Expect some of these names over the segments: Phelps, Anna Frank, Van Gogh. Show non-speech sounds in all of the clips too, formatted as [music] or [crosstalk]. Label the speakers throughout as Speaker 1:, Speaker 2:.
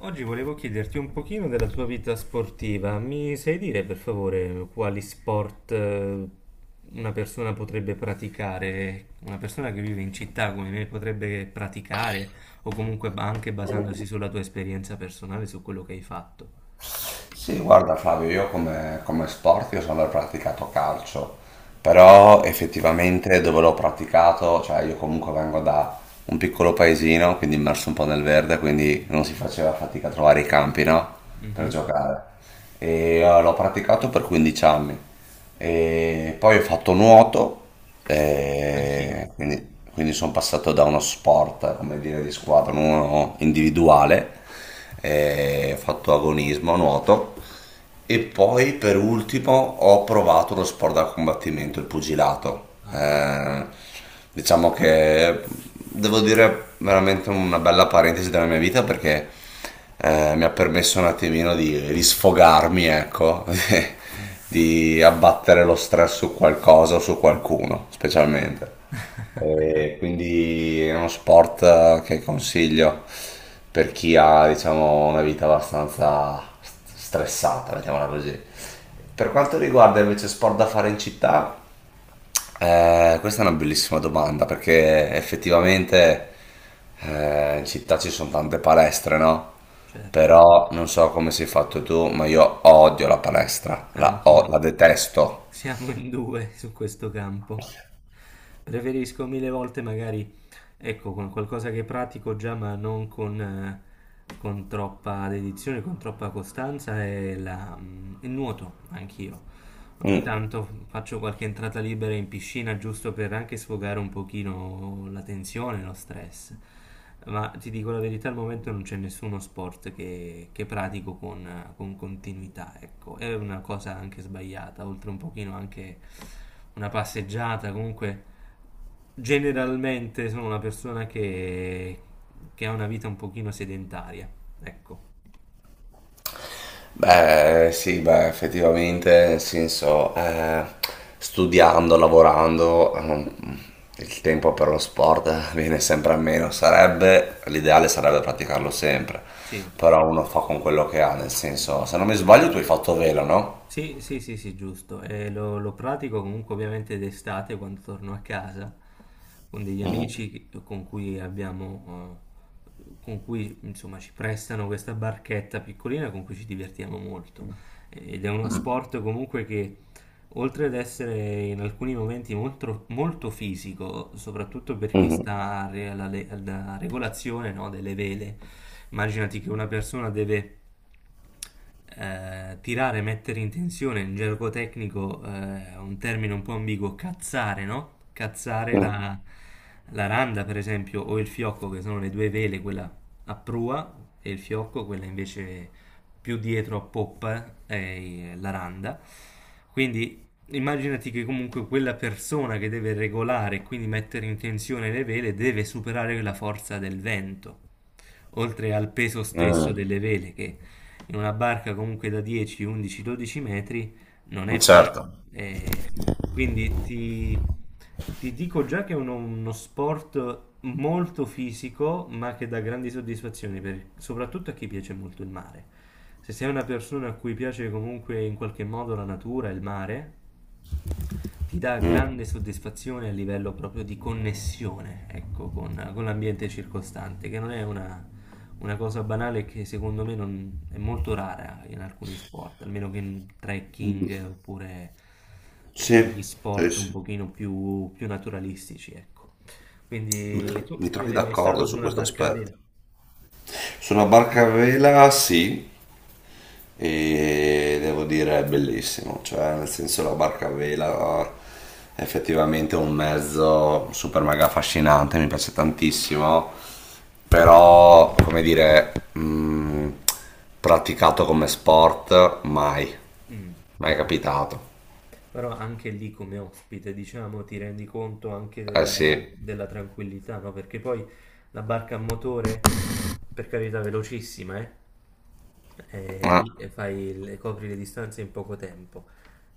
Speaker 1: Oggi volevo chiederti un pochino della tua vita sportiva. Mi sai dire per favore quali sport una persona potrebbe praticare? Una persona che vive in città come me potrebbe praticare o comunque anche basandosi sulla tua esperienza personale, su quello che hai fatto.
Speaker 2: Sì, guarda Flavio, io come sport io sono praticato calcio, però effettivamente dove l'ho praticato, cioè io comunque vengo da un piccolo paesino, quindi immerso un po' nel verde, quindi non si faceva fatica a trovare i campi, no? Per
Speaker 1: Mhm.
Speaker 2: giocare. L'ho praticato per 15 anni. E poi ho fatto nuoto,
Speaker 1: Anch'io.
Speaker 2: e quindi, quindi sono passato da uno sport, come dire, di squadra, uno individuale, e ho fatto agonismo, nuoto. E poi per ultimo ho provato lo sport da combattimento, il pugilato.
Speaker 1: Ah, che bello.
Speaker 2: Diciamo che devo dire veramente una bella parentesi della mia vita perché mi ha permesso un attimino di sfogarmi, ecco, [laughs] di abbattere lo stress su qualcosa o su qualcuno, specialmente. E quindi è uno sport che consiglio per chi ha, diciamo, una vita abbastanza stressata, mettiamola così. Per quanto riguarda invece sport da fare in città, questa è una bellissima domanda perché effettivamente in città ci sono tante palestre, no?
Speaker 1: Certo, sì.
Speaker 2: Però non so come sei fatto tu, ma io odio la palestra,
Speaker 1: Anch'io.
Speaker 2: la detesto.
Speaker 1: Siamo in due su questo campo. Preferisco mille volte magari, ecco, con qualcosa che pratico già, ma non con troppa dedizione, con troppa costanza, è il nuoto, anch'io. Ogni
Speaker 2: Mm.
Speaker 1: tanto faccio qualche entrata libera in piscina, giusto per anche sfogare un pochino la tensione, lo stress. Ma ti dico la verità, al momento non c'è nessuno sport che pratico con continuità, ecco. È una cosa anche sbagliata, oltre un pochino anche una passeggiata, comunque. Generalmente sono una persona che ha una vita un pochino sedentaria, ecco.
Speaker 2: Beh, sì, beh, effettivamente, nel senso, studiando, lavorando, il tempo per lo sport [laughs] viene sempre a meno. L'ideale sarebbe praticarlo sempre,
Speaker 1: Sì,
Speaker 2: però uno fa con quello che ha, nel senso, se non mi sbaglio, tu hai fatto velo, no?
Speaker 1: sì, sì, sì, sì, giusto. E lo pratico comunque ovviamente d'estate quando torno a casa con degli
Speaker 2: Mhm.
Speaker 1: amici con cui insomma ci prestano questa barchetta piccolina con cui ci divertiamo molto. Ed è uno
Speaker 2: Mm.
Speaker 1: sport comunque che Oltre ad essere in alcuni momenti molto, molto fisico, soprattutto per chi
Speaker 2: Mhm.
Speaker 1: sta a re- alla, le- alla regolazione, no, delle vele, immaginati che una persona deve tirare, mettere in tensione, in gergo tecnico, un termine un po' ambiguo, cazzare, no? Cazzare la randa, per esempio, o il fiocco, che sono le due vele, quella a prua, e il fiocco, quella invece più dietro a poppa, è la randa. Quindi, immaginati che comunque quella persona che deve regolare e quindi mettere in tensione le vele deve superare la forza del vento, oltre al peso stesso
Speaker 2: Mm.
Speaker 1: delle vele, che in una barca comunque da 10, 11, 12 metri non
Speaker 2: Mm.
Speaker 1: è poco.
Speaker 2: Certo.
Speaker 1: Eh, quindi ti dico già che è uno sport molto fisico, ma che dà grandi soddisfazioni, soprattutto a chi piace molto il mare. Se sei una persona a cui piace comunque in qualche modo la natura e il mare, ti dà grande soddisfazione a livello proprio di connessione, ecco, con l'ambiente circostante, che non è una cosa banale, che secondo me è molto rara in alcuni sport, almeno che in
Speaker 2: Mm.
Speaker 1: trekking oppure
Speaker 2: Sì,
Speaker 1: quegli
Speaker 2: sì,
Speaker 1: sport un
Speaker 2: sì.
Speaker 1: pochino più naturalistici, ecco. Quindi tu,
Speaker 2: Mi
Speaker 1: tu
Speaker 2: trovi
Speaker 1: sei mai stato
Speaker 2: d'accordo
Speaker 1: su
Speaker 2: su
Speaker 1: una
Speaker 2: questo
Speaker 1: barca a vela?
Speaker 2: aspetto. Su una barca a vela sì, e devo dire è bellissimo, cioè nel senso la barca a vela è effettivamente un mezzo super mega affascinante, mi piace tantissimo, però come dire, praticato come sport mai,
Speaker 1: Mm.
Speaker 2: mai capitato.
Speaker 1: Però anche lì, come ospite, diciamo, ti rendi conto anche
Speaker 2: Eh
Speaker 1: della,
Speaker 2: sì.
Speaker 1: della tranquillità, no? Perché poi la barca a motore, per carità, velocissima, eh? Eh,
Speaker 2: Ah,
Speaker 1: lì e fai, copri le distanze in poco tempo,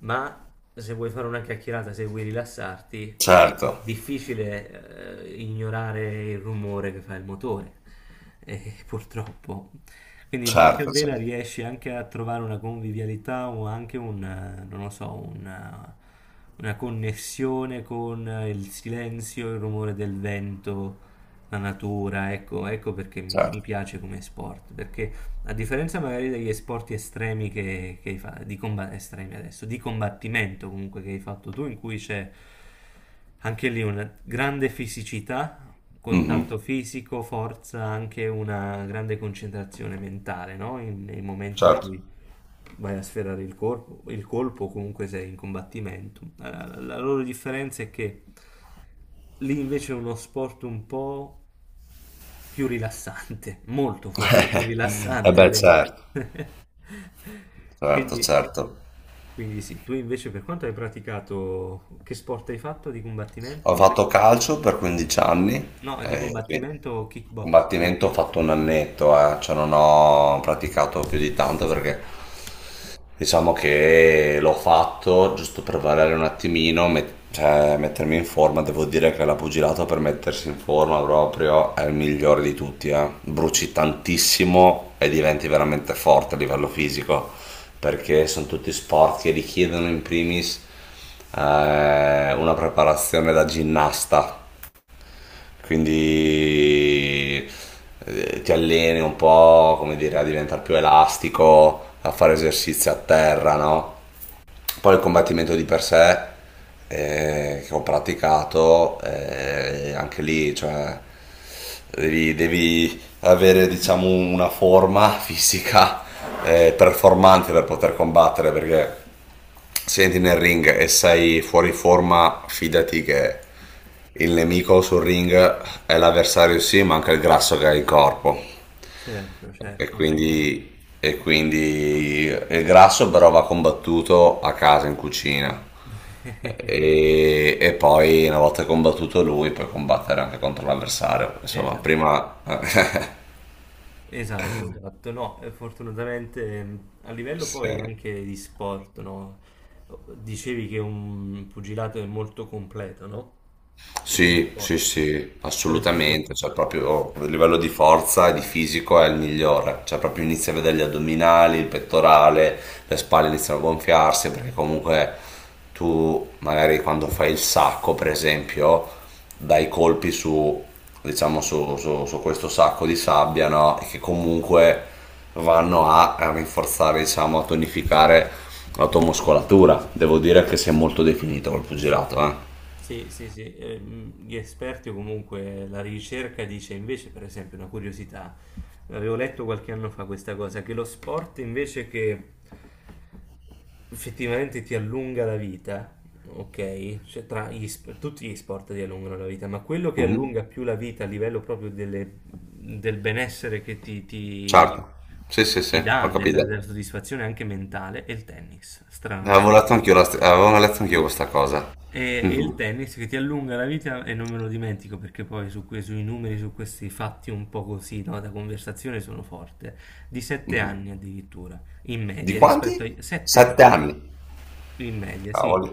Speaker 1: ma se vuoi fare una chiacchierata, se vuoi rilassarti,
Speaker 2: certo,
Speaker 1: difficile ignorare il rumore che fa il motore, [laughs] purtroppo. Quindi in barca a
Speaker 2: certo,
Speaker 1: vela
Speaker 2: certo,
Speaker 1: riesci anche a trovare una convivialità, o anche non lo so, una connessione con il silenzio, il rumore del vento, la natura. Ecco, ecco perché mi
Speaker 2: certo.
Speaker 1: mi piace come sport, perché a differenza magari degli sport estremi che hai fatto, estremi, adesso, di combattimento comunque che hai fatto tu, in cui c'è anche lì una grande fisicità, contatto
Speaker 2: Mhm,
Speaker 1: fisico, forza, anche una grande concentrazione mentale, no? Nei momenti in
Speaker 2: certo.
Speaker 1: cui vai a sferrare il corpo, il colpo, o comunque sei in combattimento. La loro differenza è che lì invece è uno sport un po' più rilassante, [laughs] molto forte, più
Speaker 2: [laughs] Eh
Speaker 1: rilassante
Speaker 2: beh,
Speaker 1: del...
Speaker 2: certo.
Speaker 1: [laughs]
Speaker 2: Certo,
Speaker 1: Quindi,
Speaker 2: certo.
Speaker 1: quindi, sì, tu invece, per quanto hai praticato, che sport hai fatto di
Speaker 2: Ho
Speaker 1: combattimento?
Speaker 2: fatto calcio per 15 anni,
Speaker 1: No, di
Speaker 2: e quindi
Speaker 1: combattimento kickboxing, no?
Speaker 2: combattimento ho fatto un annetto, cioè non ho praticato più di tanto perché diciamo che l'ho fatto giusto per variare un attimino, cioè mettermi in forma. Devo dire che la pugilato per mettersi in forma proprio è il migliore di tutti, eh.
Speaker 1: Mhm.
Speaker 2: Bruci tantissimo e diventi veramente forte a livello fisico, perché sono tutti sport che richiedono in primis una preparazione da ginnasta, quindi ti alleni un po', come dire, a diventare più elastico, a fare esercizi a terra, no? Poi il combattimento di per sé che ho praticato, anche lì cioè, devi avere diciamo, una forma [laughs] fisica performante per poter combattere perché se entri nel ring e sei fuori forma, fidati che il nemico sul ring è l'avversario sì, ma anche il grasso che hai in corpo.
Speaker 1: Certo, certo, assolutamente.
Speaker 2: E quindi il grasso però va combattuto a casa, in cucina.
Speaker 1: [laughs]
Speaker 2: E poi una volta combattuto lui puoi combattere anche contro l'avversario. Insomma,
Speaker 1: Esatto.
Speaker 2: prima...
Speaker 1: Esatto, esatto, no, fortunatamente, a livello
Speaker 2: [laughs] sì.
Speaker 1: poi anche di sport, no? Dicevi che un pugilato è molto completo, no? Come
Speaker 2: Sì, sì,
Speaker 1: sport.
Speaker 2: sì,
Speaker 1: Per esempio.
Speaker 2: assolutamente, cioè proprio a livello di forza e di fisico è il migliore, cioè proprio inizi a vedere gli addominali, il pettorale, le spalle iniziano a gonfiarsi perché comunque tu magari quando fai il sacco, per esempio, dai colpi su, diciamo, su questo sacco di sabbia, no? E che comunque vanno a rinforzare, diciamo, a tonificare la tua muscolatura. Devo dire che si è molto definito col pugilato, eh.
Speaker 1: Sì, sì, sì, gli esperti o comunque la ricerca dice invece, per esempio, una curiosità, avevo letto qualche anno fa questa cosa, che lo sport invece che effettivamente ti allunga la vita, ok? Cioè, tra gli tutti gli sport ti allungano la vita, ma quello che
Speaker 2: Mhm.
Speaker 1: allunga più la vita a livello proprio del benessere che ti, ti-
Speaker 2: Certo, sì, sì, sì,
Speaker 1: ti
Speaker 2: ho
Speaker 1: dà, della,
Speaker 2: capito.
Speaker 1: della soddisfazione anche mentale, è il tennis,
Speaker 2: Avevo
Speaker 1: stranamente.
Speaker 2: letto avevo letto anch'io questa cosa.
Speaker 1: E il
Speaker 2: Mhm,
Speaker 1: tennis che ti allunga la vita, e non me lo dimentico perché poi su sui numeri, su questi fatti un po' così, no, da conversazione sono forte. Di sette
Speaker 2: mhm.
Speaker 1: anni addirittura, in
Speaker 2: Di
Speaker 1: media, rispetto
Speaker 2: quanti?
Speaker 1: ai sette
Speaker 2: Sette
Speaker 1: anni.
Speaker 2: anni.
Speaker 1: In media, sì,
Speaker 2: Cavoli.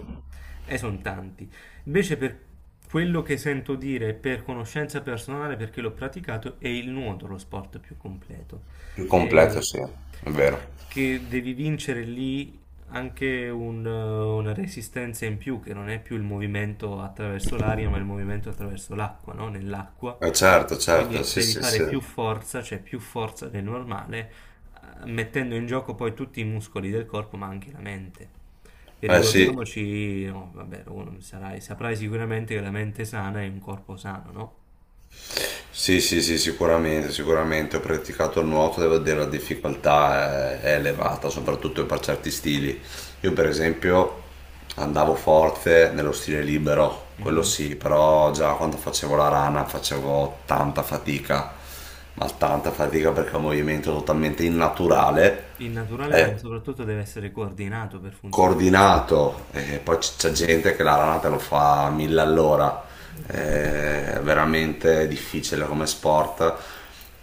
Speaker 1: e sono tanti. Invece, per quello che sento dire, per conoscenza personale, perché l'ho praticato, è il nuoto lo sport più completo.
Speaker 2: Il completo,
Speaker 1: E
Speaker 2: sì, è vero.
Speaker 1: che devi vincere lì anche una resistenza in più, che non è più il movimento attraverso l'aria, ma il movimento attraverso l'acqua, no? Nell'acqua.
Speaker 2: Certo, certo,
Speaker 1: Quindi
Speaker 2: sì,
Speaker 1: devi
Speaker 2: sì,
Speaker 1: fare
Speaker 2: sì.
Speaker 1: più forza, cioè più forza del normale, mettendo in gioco poi tutti i muscoli del corpo, ma anche la mente. E
Speaker 2: Eh sì.
Speaker 1: ricordiamoci, no, vabbè, uno saprai sicuramente che la mente sana è un corpo sano, no?
Speaker 2: Sì, sì, sì, sicuramente, sicuramente. Ho praticato il nuoto, devo dire la difficoltà è elevata, soprattutto per certi stili. Io per esempio andavo forte nello stile libero, quello
Speaker 1: Mm.
Speaker 2: sì, però già quando facevo la rana facevo tanta fatica, ma tanta fatica perché è un movimento totalmente innaturale.
Speaker 1: Il naturale, ma
Speaker 2: Eh,
Speaker 1: soprattutto deve essere coordinato per funzionare.
Speaker 2: coordinato, e poi c'è gente che la ranata lo fa a mille all'ora,
Speaker 1: Esatto.
Speaker 2: è veramente difficile come sport,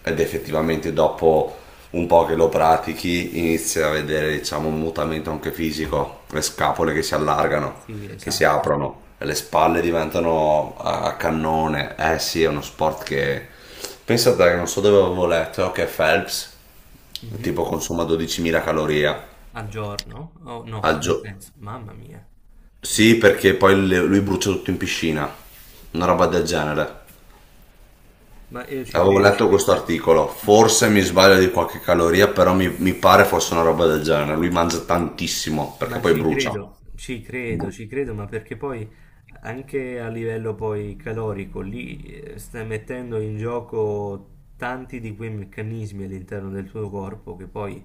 Speaker 2: ed effettivamente dopo un po' che lo pratichi inizi a vedere diciamo un mutamento anche fisico, le scapole che si allargano,
Speaker 1: Sì,
Speaker 2: che si
Speaker 1: esatto.
Speaker 2: aprono, le spalle diventano a cannone. Eh sì, è uno sport che, pensate, che non so dove avevo letto che Phelps
Speaker 1: Mhm.
Speaker 2: tipo consuma 12.000 calorie
Speaker 1: Al giorno? Oh, no,
Speaker 2: al
Speaker 1: nel
Speaker 2: giorno,
Speaker 1: senso, mamma mia.
Speaker 2: sì, perché poi lui brucia tutto in piscina, una roba del genere.
Speaker 1: Ma io ci
Speaker 2: Avevo
Speaker 1: credo.
Speaker 2: letto questo articolo, forse mi sbaglio di qualche caloria, però mi pare fosse una roba del genere. Lui mangia tantissimo perché
Speaker 1: Ma
Speaker 2: poi
Speaker 1: ci
Speaker 2: brucia.
Speaker 1: credo, ci credo, ci credo, ma perché poi anche a livello poi calorico lì stai mettendo in gioco tanti di quei meccanismi all'interno del tuo corpo, che poi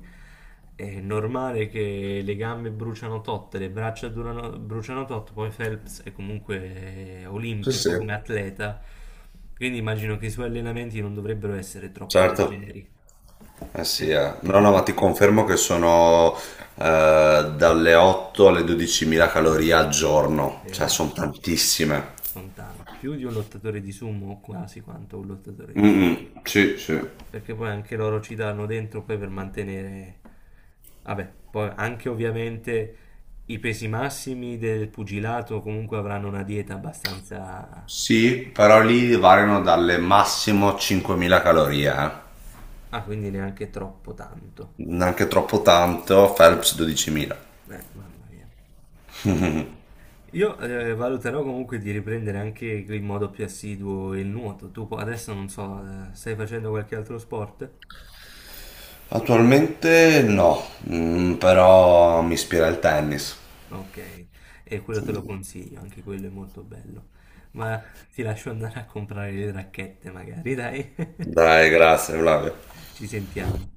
Speaker 1: è normale che le gambe bruciano tot, le braccia bruciano tot, poi Phelps è comunque
Speaker 2: Sì, sì.
Speaker 1: olimpico come atleta, quindi immagino che i suoi allenamenti non dovrebbero essere troppo
Speaker 2: Certo.
Speaker 1: leggeri.
Speaker 2: Eh sì, eh. No, no, ma ti
Speaker 1: [laughs]
Speaker 2: confermo che sono dalle 8 alle 12.000 calorie al giorno, cioè
Speaker 1: Esatto.
Speaker 2: sono tantissime.
Speaker 1: Sono tanti, più di un lottatore di sumo, o quasi quanto un lottatore
Speaker 2: Mm,
Speaker 1: di
Speaker 2: mm,
Speaker 1: sumo.
Speaker 2: sì, sì.
Speaker 1: Perché poi anche loro ci danno dentro poi per mantenere... Vabbè, poi anche ovviamente i pesi massimi del pugilato comunque avranno una dieta abbastanza...
Speaker 2: Sì, però lì variano dalle massimo 5.000 calorie, eh.
Speaker 1: Ah, quindi neanche troppo tanto.
Speaker 2: Neanche troppo tanto, Phelps 12.000.
Speaker 1: Mamma mia. Io valuterò comunque di riprendere anche in modo più assiduo il nuoto. Tu adesso non so, stai facendo qualche altro sport?
Speaker 2: Attualmente no, mm, però mi ispira il tennis.
Speaker 1: Ok, e quello te lo consiglio, anche quello è molto bello. Ma ti lascio andare a comprare le racchette magari, dai.
Speaker 2: Dai, grazie Flavio.
Speaker 1: [laughs] Ci sentiamo.